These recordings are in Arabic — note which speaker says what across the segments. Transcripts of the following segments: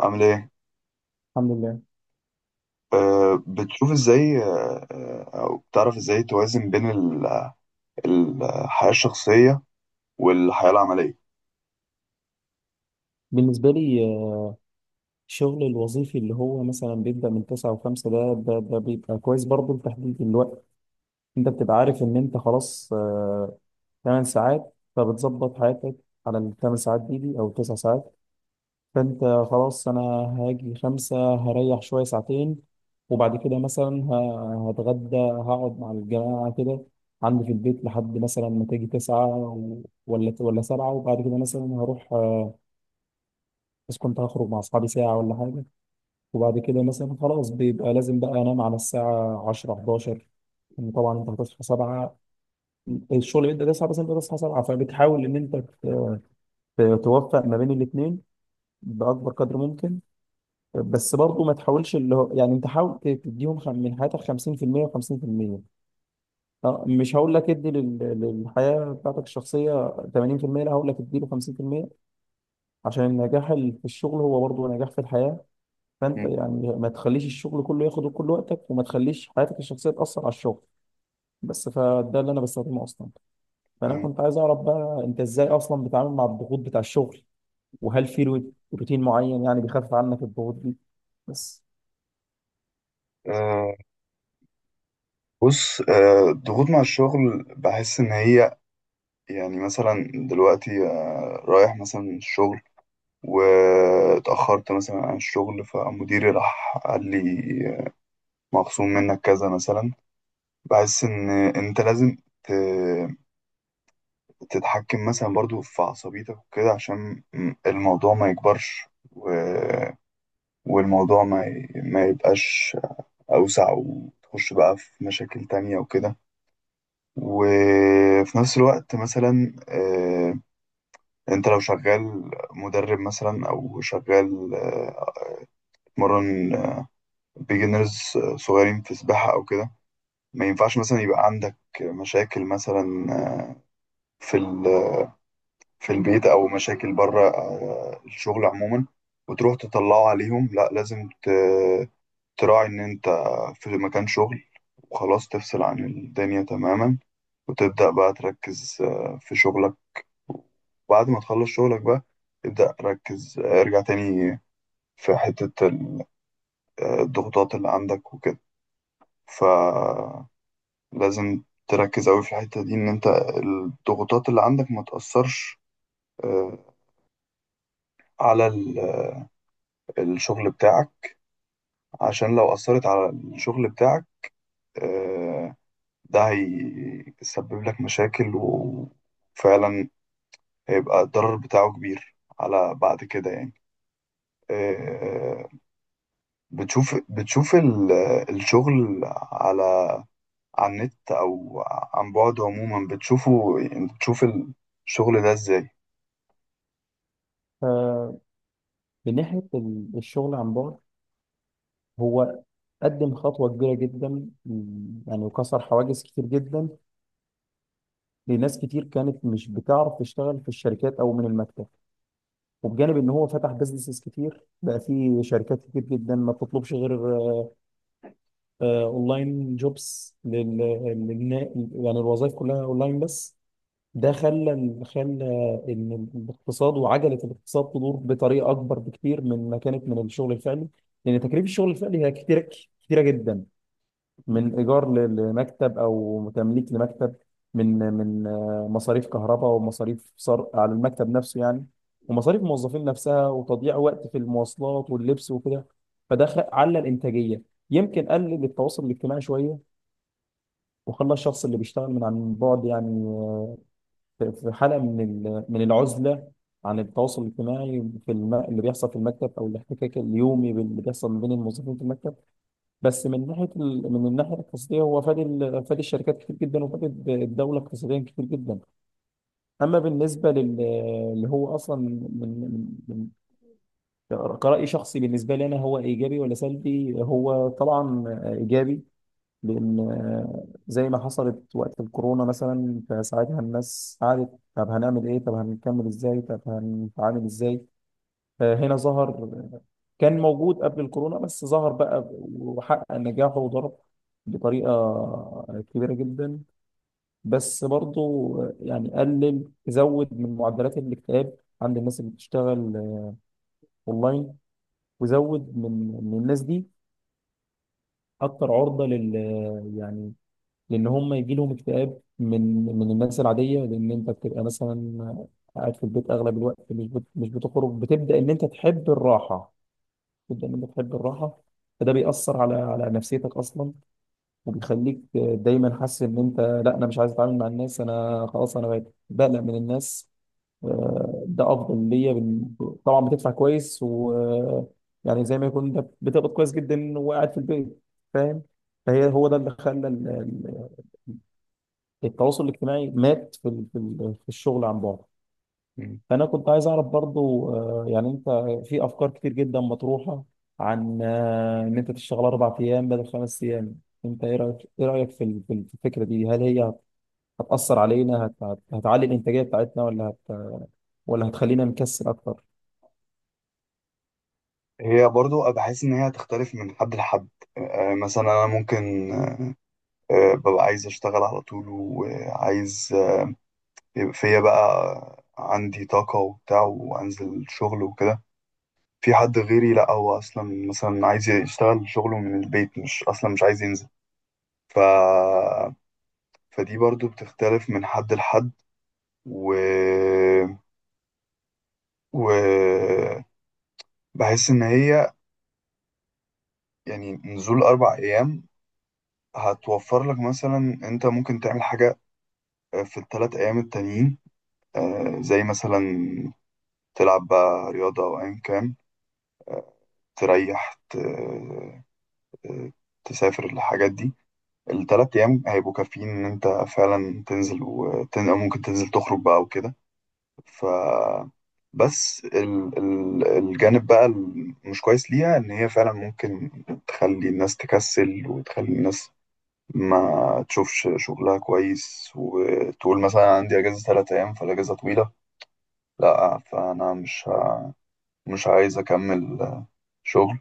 Speaker 1: عامل ايه؟
Speaker 2: الحمد لله.
Speaker 1: أه، بتشوف ازاي أه او بتعرف ازاي توازن بين الحياة الشخصية والحياة العملية؟
Speaker 2: بالنسبة لي الشغل الوظيفي اللي هو مثلا بيبدأ من 9 و5، ده بيبقى كويس برضه لتحديد الوقت. انت بتبقى عارف ان انت خلاص، 8 ساعات، فبتظبط حياتك على 8 ساعات دي او 9 ساعات. فانت خلاص، انا هاجي خمسة هريح شوية ساعتين، وبعد كده مثلا هتغدى، هقعد مع الجماعة كده عندي في البيت لحد مثلا ما تيجي تسعة ولا سبعة. وبعد كده مثلا هروح، بس كنت هخرج مع أصحابي ساعة ولا حاجة. وبعد كده مثلا خلاص بيبقى لازم بقى انام على الساعه 10 11، إن طبعا انت هتصحى 7. الشغل بيبدا 9 بس انت تصحى 7، فبتحاول ان انت توفق ما بين الاثنين باكبر قدر ممكن. بس برضه ما تحاولش، اللي هو يعني انت حاول تديهم من حياتك 50% و50%. مش هقول لك ادي للحياه بتاعتك الشخصيه 80%، لا هقول لك ادي له 50%، عشان النجاح في الشغل هو برضه نجاح في الحياه. فانت
Speaker 1: م-
Speaker 2: يعني ما تخليش الشغل كله ياخد كل وقتك، وما تخليش حياتك الشخصيه تاثر على الشغل. بس فده اللي انا بستخدمه اصلا. فانا
Speaker 1: م.
Speaker 2: كنت عايز اعرف بقى، انت ازاي اصلا بتتعامل مع الضغوط بتاع الشغل، وهل في روتين معين يعني بيخفف عنك الضغوط دي؟ بس
Speaker 1: أه، بص. أه، الضغوط مع الشغل بحس ان هي، يعني مثلا دلوقتي رايح مثلا الشغل واتأخرت مثلا عن الشغل، فمديري راح قال لي مخصوم منك كذا مثلا. بحس ان انت لازم تتحكم مثلا برضو في عصبيتك وكده، عشان الموضوع ما يكبرش، و... والموضوع ما يبقاش أوسع وتخش بقى في مشاكل تانية وكده. وفي نفس الوقت مثلا، انت لو شغال مدرب مثلا، او شغال مرن، بيجنرز صغيرين في سباحة او كده، ما ينفعش مثلا يبقى عندك مشاكل مثلا، آه، في في البيت او مشاكل بره الشغل عموما، وتروح تطلعه عليهم. لا، لازم تراعي ان انت في مكان شغل، وخلاص تفصل عن الدنيا تماما، وتبدأ بقى تركز في شغلك. وبعد ما تخلص شغلك بقى، ابدأ ركز ارجع تاني في حتة الضغوطات اللي عندك وكده. فلازم تركز أوي في الحتة دي، إن أنت الضغوطات اللي عندك ما تأثرش آه، على الشغل بتاعك. عشان لو أثرت على الشغل بتاعك، آه، ده هيسبب لك مشاكل، وفعلا هيبقى الضرر بتاعه كبير على بعد كده، يعني. آه، بتشوف الشغل على على النت أو عن بعد عموما، بتشوفه يعني؟ بتشوف الشغل ده إزاي؟
Speaker 2: ف- من ناحيه الشغل عن بعد، هو قدم خطوه كبيره جدا، يعني وكسر حواجز كتير جدا لناس كتير كانت مش بتعرف تشتغل في الشركات او من المكتب. وبجانب ان هو فتح بيزنسز كتير بقى في شركات كتير جدا ما بتطلبش غير اونلاين جوبس للنا- يعني الوظائف كلها اونلاين بس. ده خلى ان الاقتصاد وعجله الاقتصاد تدور بطريقه اكبر بكتير من ما كانت من الشغل الفعلي، لان تكاليف الشغل الفعلي هي كتيره، كتيره جدا، من ايجار لمكتب او تمليك لمكتب، من مصاريف كهرباء، ومصاريف صرف على المكتب نفسه يعني، ومصاريف الموظفين نفسها، وتضييع وقت في المواصلات واللبس وكده. فده على الانتاجيه، يمكن قلل التواصل الاجتماعي شويه، وخلى الشخص اللي بيشتغل من عن بعد يعني، في حاله من من العزله عن التواصل الاجتماعي اللي بيحصل في المكتب، او الاحتكاك اليومي اللي بيحصل ما بين الموظفين في المكتب. بس من ناحيه من الناحيه الاقتصاديه، هو فاد فاد الشركات كتير جدا، وفاد الدوله اقتصاديا كتير جدا. اما بالنسبه اللي هو اصلا من كرأي شخصي بالنسبه لي انا، هو ايجابي ولا سلبي؟ هو طبعا ايجابي، لان زي ما حصلت وقت الكورونا مثلا، فساعتها الناس قعدت، طب هنعمل ايه؟ طب هنكمل ازاي؟ طب هنتعامل ازاي؟ هنا ظهر، كان موجود قبل الكورونا بس ظهر بقى وحقق نجاحه وضرب بطريقة كبيرة جدا. بس برضه يعني قلل، زود من معدلات الاكتئاب عند الناس اللي بتشتغل اونلاين، وزود من الناس دي اكتر عرضة يعني، لان هم يجي لهم اكتئاب من من الناس العادية. لان انت بتبقى مثلا قاعد في البيت اغلب الوقت، مش بتخرج، بتبدأ ان انت تحب الراحة جدا، انك تحب الراحه. فده بيأثر على نفسيتك اصلا، وبيخليك دايما حاسس ان انت، لا، انا مش عايز اتعامل مع الناس، انا خلاص انا بقيت بقلق من الناس. ده افضل ليا طبعا بتدفع كويس، و، يعني زي ما يكون انت بتقبض كويس جدا وقاعد في البيت، فاهم؟ فهي، هو ده اللي خلى التواصل الاجتماعي مات في الشغل عن بعد.
Speaker 1: مم.
Speaker 2: فانا كنت عايز اعرف برضو، يعني انت في افكار كتير جدا مطروحه عن، ان انت تشتغل 4 ايام بدل 5 ايام. انت ايه رايك في الفكره دي؟ هل هي هتاثر علينا؟ هتعلي الانتاجيه بتاعتنا، ولا هتخلينا نكسل اكتر؟
Speaker 1: هي برضو بحس إن هي هتختلف من حد لحد. مثلا أنا ممكن ببقى عايز أشتغل على طول، وعايز يبقى فيا بقى عندي طاقة وبتاع وأنزل شغل وكده. في حد غيري لأ، هو أصلا مثلا عايز يشتغل شغله من البيت، مش أصلا مش عايز ينزل. ف... فدي برضو بتختلف من حد لحد. و... و بحس إن هي يعني نزول أربع أيام هتوفر لك مثلا، أنت ممكن تعمل حاجة في الثلاث أيام التانيين، زي مثلا تلعب بقى رياضة أو أيا كان، تريح، تسافر، الحاجات دي. الثلاث ايام هيبقوا كافيين ان انت فعلا تنزل أو ممكن تنزل تخرج بقى وكده. ف بس الجانب بقى المش كويس ليها ان هي فعلا ممكن تخلي الناس تكسل، وتخلي الناس ما تشوفش شغلها كويس، وتقول مثلا أنا عندي اجازة ثلاث ايام، فالاجازة طويلة، لا، فانا مش عايز اكمل شغل.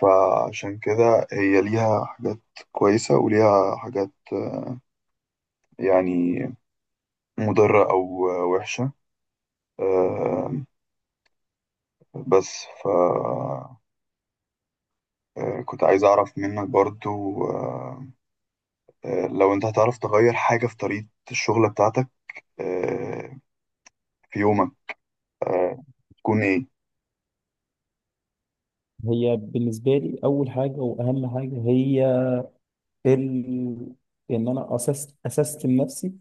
Speaker 1: فعشان كده هي ليها حاجات كويسة وليها حاجات يعني مضرة أو وحشة. آه، بس ف، كنت عايز أعرف منك برضو، لو أنت هتعرف تغير حاجة في طريقة الشغل بتاعتك آه، في يومك، آه، تكون إيه؟
Speaker 2: هي بالنسبه لي اول حاجه واهم حاجه هي، ال... ان انا اسستم نفسي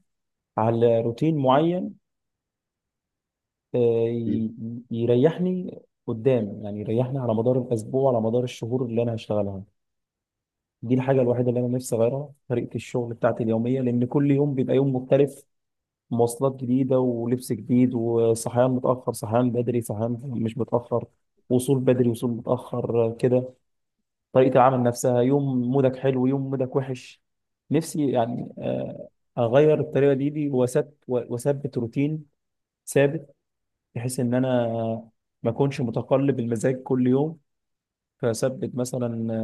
Speaker 2: على روتين معين، آه،
Speaker 1: مم.
Speaker 2: ي- يريحني قدام، يعني يريحني على مدار الاسبوع، على مدار الشهور اللي انا هشتغلها. دي الحاجة الوحيدة اللي أنا نفسي أغيرها، طريقة الشغل بتاعتي اليومية، لأن كل يوم بيبقى يوم مختلف. مواصلات جديدة، ولبس جديد، وصحيان متأخر، صحيان بدري، صحيان مش متأخر، وصول بدري، وصول متأخر، كده. طريقة العمل نفسها، يوم مودك حلو، يوم مودك وحش. نفسي يعني، أغير الطريقة دي، وأثبت روتين ثابت، بحيث إن أنا ما أكونش متقلب المزاج كل يوم. فثبت مثلا،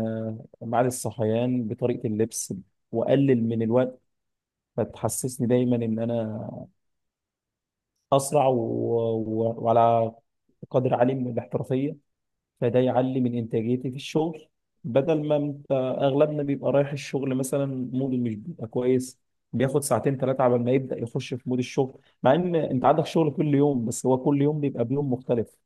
Speaker 2: ميعاد الصحيان، بطريقه اللبس، واقلل من الوقت، فتحسسني دايما ان انا اسرع وعلى قدر عالي من الاحترافيه، فده يعلي من انتاجيتي في الشغل. بدل ما انت، اغلبنا بيبقى رايح الشغل مثلا موده مش بيبقى كويس، بياخد ساعتين ثلاثه على ما يبدا يخش في مود الشغل، مع ان انت عندك شغل كل يوم، بس هو كل يوم بيبقى بيوم مختلف.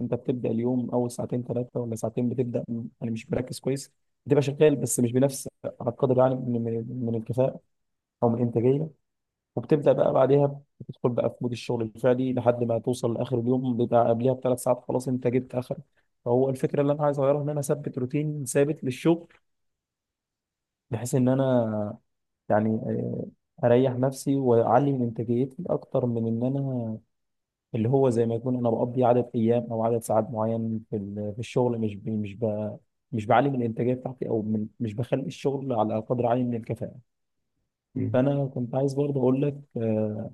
Speaker 2: انت بتبدا اليوم، اول ساعتين ثلاثه ولا ساعتين، بتبدا يعني مش مركز كويس، بتبقى شغال بس مش بنفس، على القدر يعني من الكفاءه، او من الانتاجيه. وبتبدا بقى بعدها بتدخل بقى في مود الشغل الفعلي، لحد ما توصل لاخر اليوم بيبقى قبلها بثلاث ساعات، خلاص انت جبت اخر. فهو الفكره اللي انا عايز اغيرها ان انا اثبت روتين ثابت للشغل، بحيث ان انا يعني، اريح نفسي واعلي من انتاجيتي، اكتر من ان انا، اللي هو زي ما يكون انا بقضي عدد ايام او عدد ساعات معين في في الشغل، مش بعلي من الانتاجيه بتاعتي، او من، مش بخلي الشغل على قدر عالي من الكفاءه.
Speaker 1: مم.
Speaker 2: فانا كنت عايز برضه اقول لك،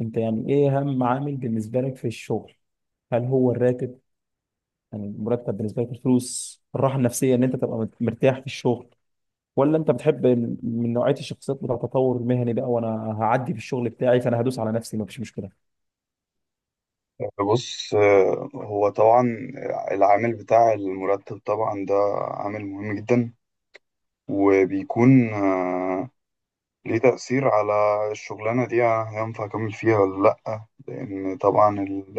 Speaker 2: انت يعني ايه اهم عامل بالنسبه لك في الشغل؟ هل هو الراتب؟ يعني المرتب بالنسبه لك، الفلوس، الراحه النفسيه ان انت تبقى مرتاح في الشغل، ولا انت بتحب من نوعيه الشخصيات بتاع التطور المهني بقى، وانا هعدي في الشغل بتاعي فانا هدوس على نفسي مفيش مشكله.
Speaker 1: بص، هو طبعا العامل بتاع المرتب طبعا ده عامل مهم جدا، وبيكون ليه تأثير على الشغلانة دي، هينفع أكمل فيها ولا لأ. لأن طبعا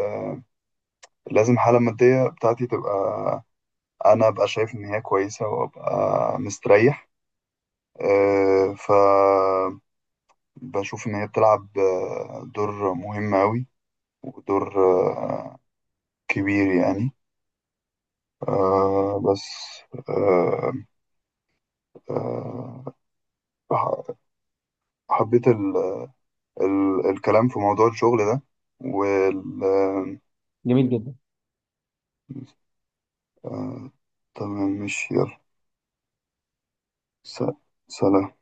Speaker 1: لازم الحالة المادية بتاعتي تبقى، أنا أبقى شايف إن هي كويسة وأبقى مستريح. أه، فبشوف إن هي بتلعب دور مهم أوي، ودور آه، كبير، يعني. أه، بس، أه، أه ح- حبيت ال ال الكلام في موضوع الشغل ده وال.
Speaker 2: جميل.
Speaker 1: آه، تمام، ماشي، يلا، س- سلام.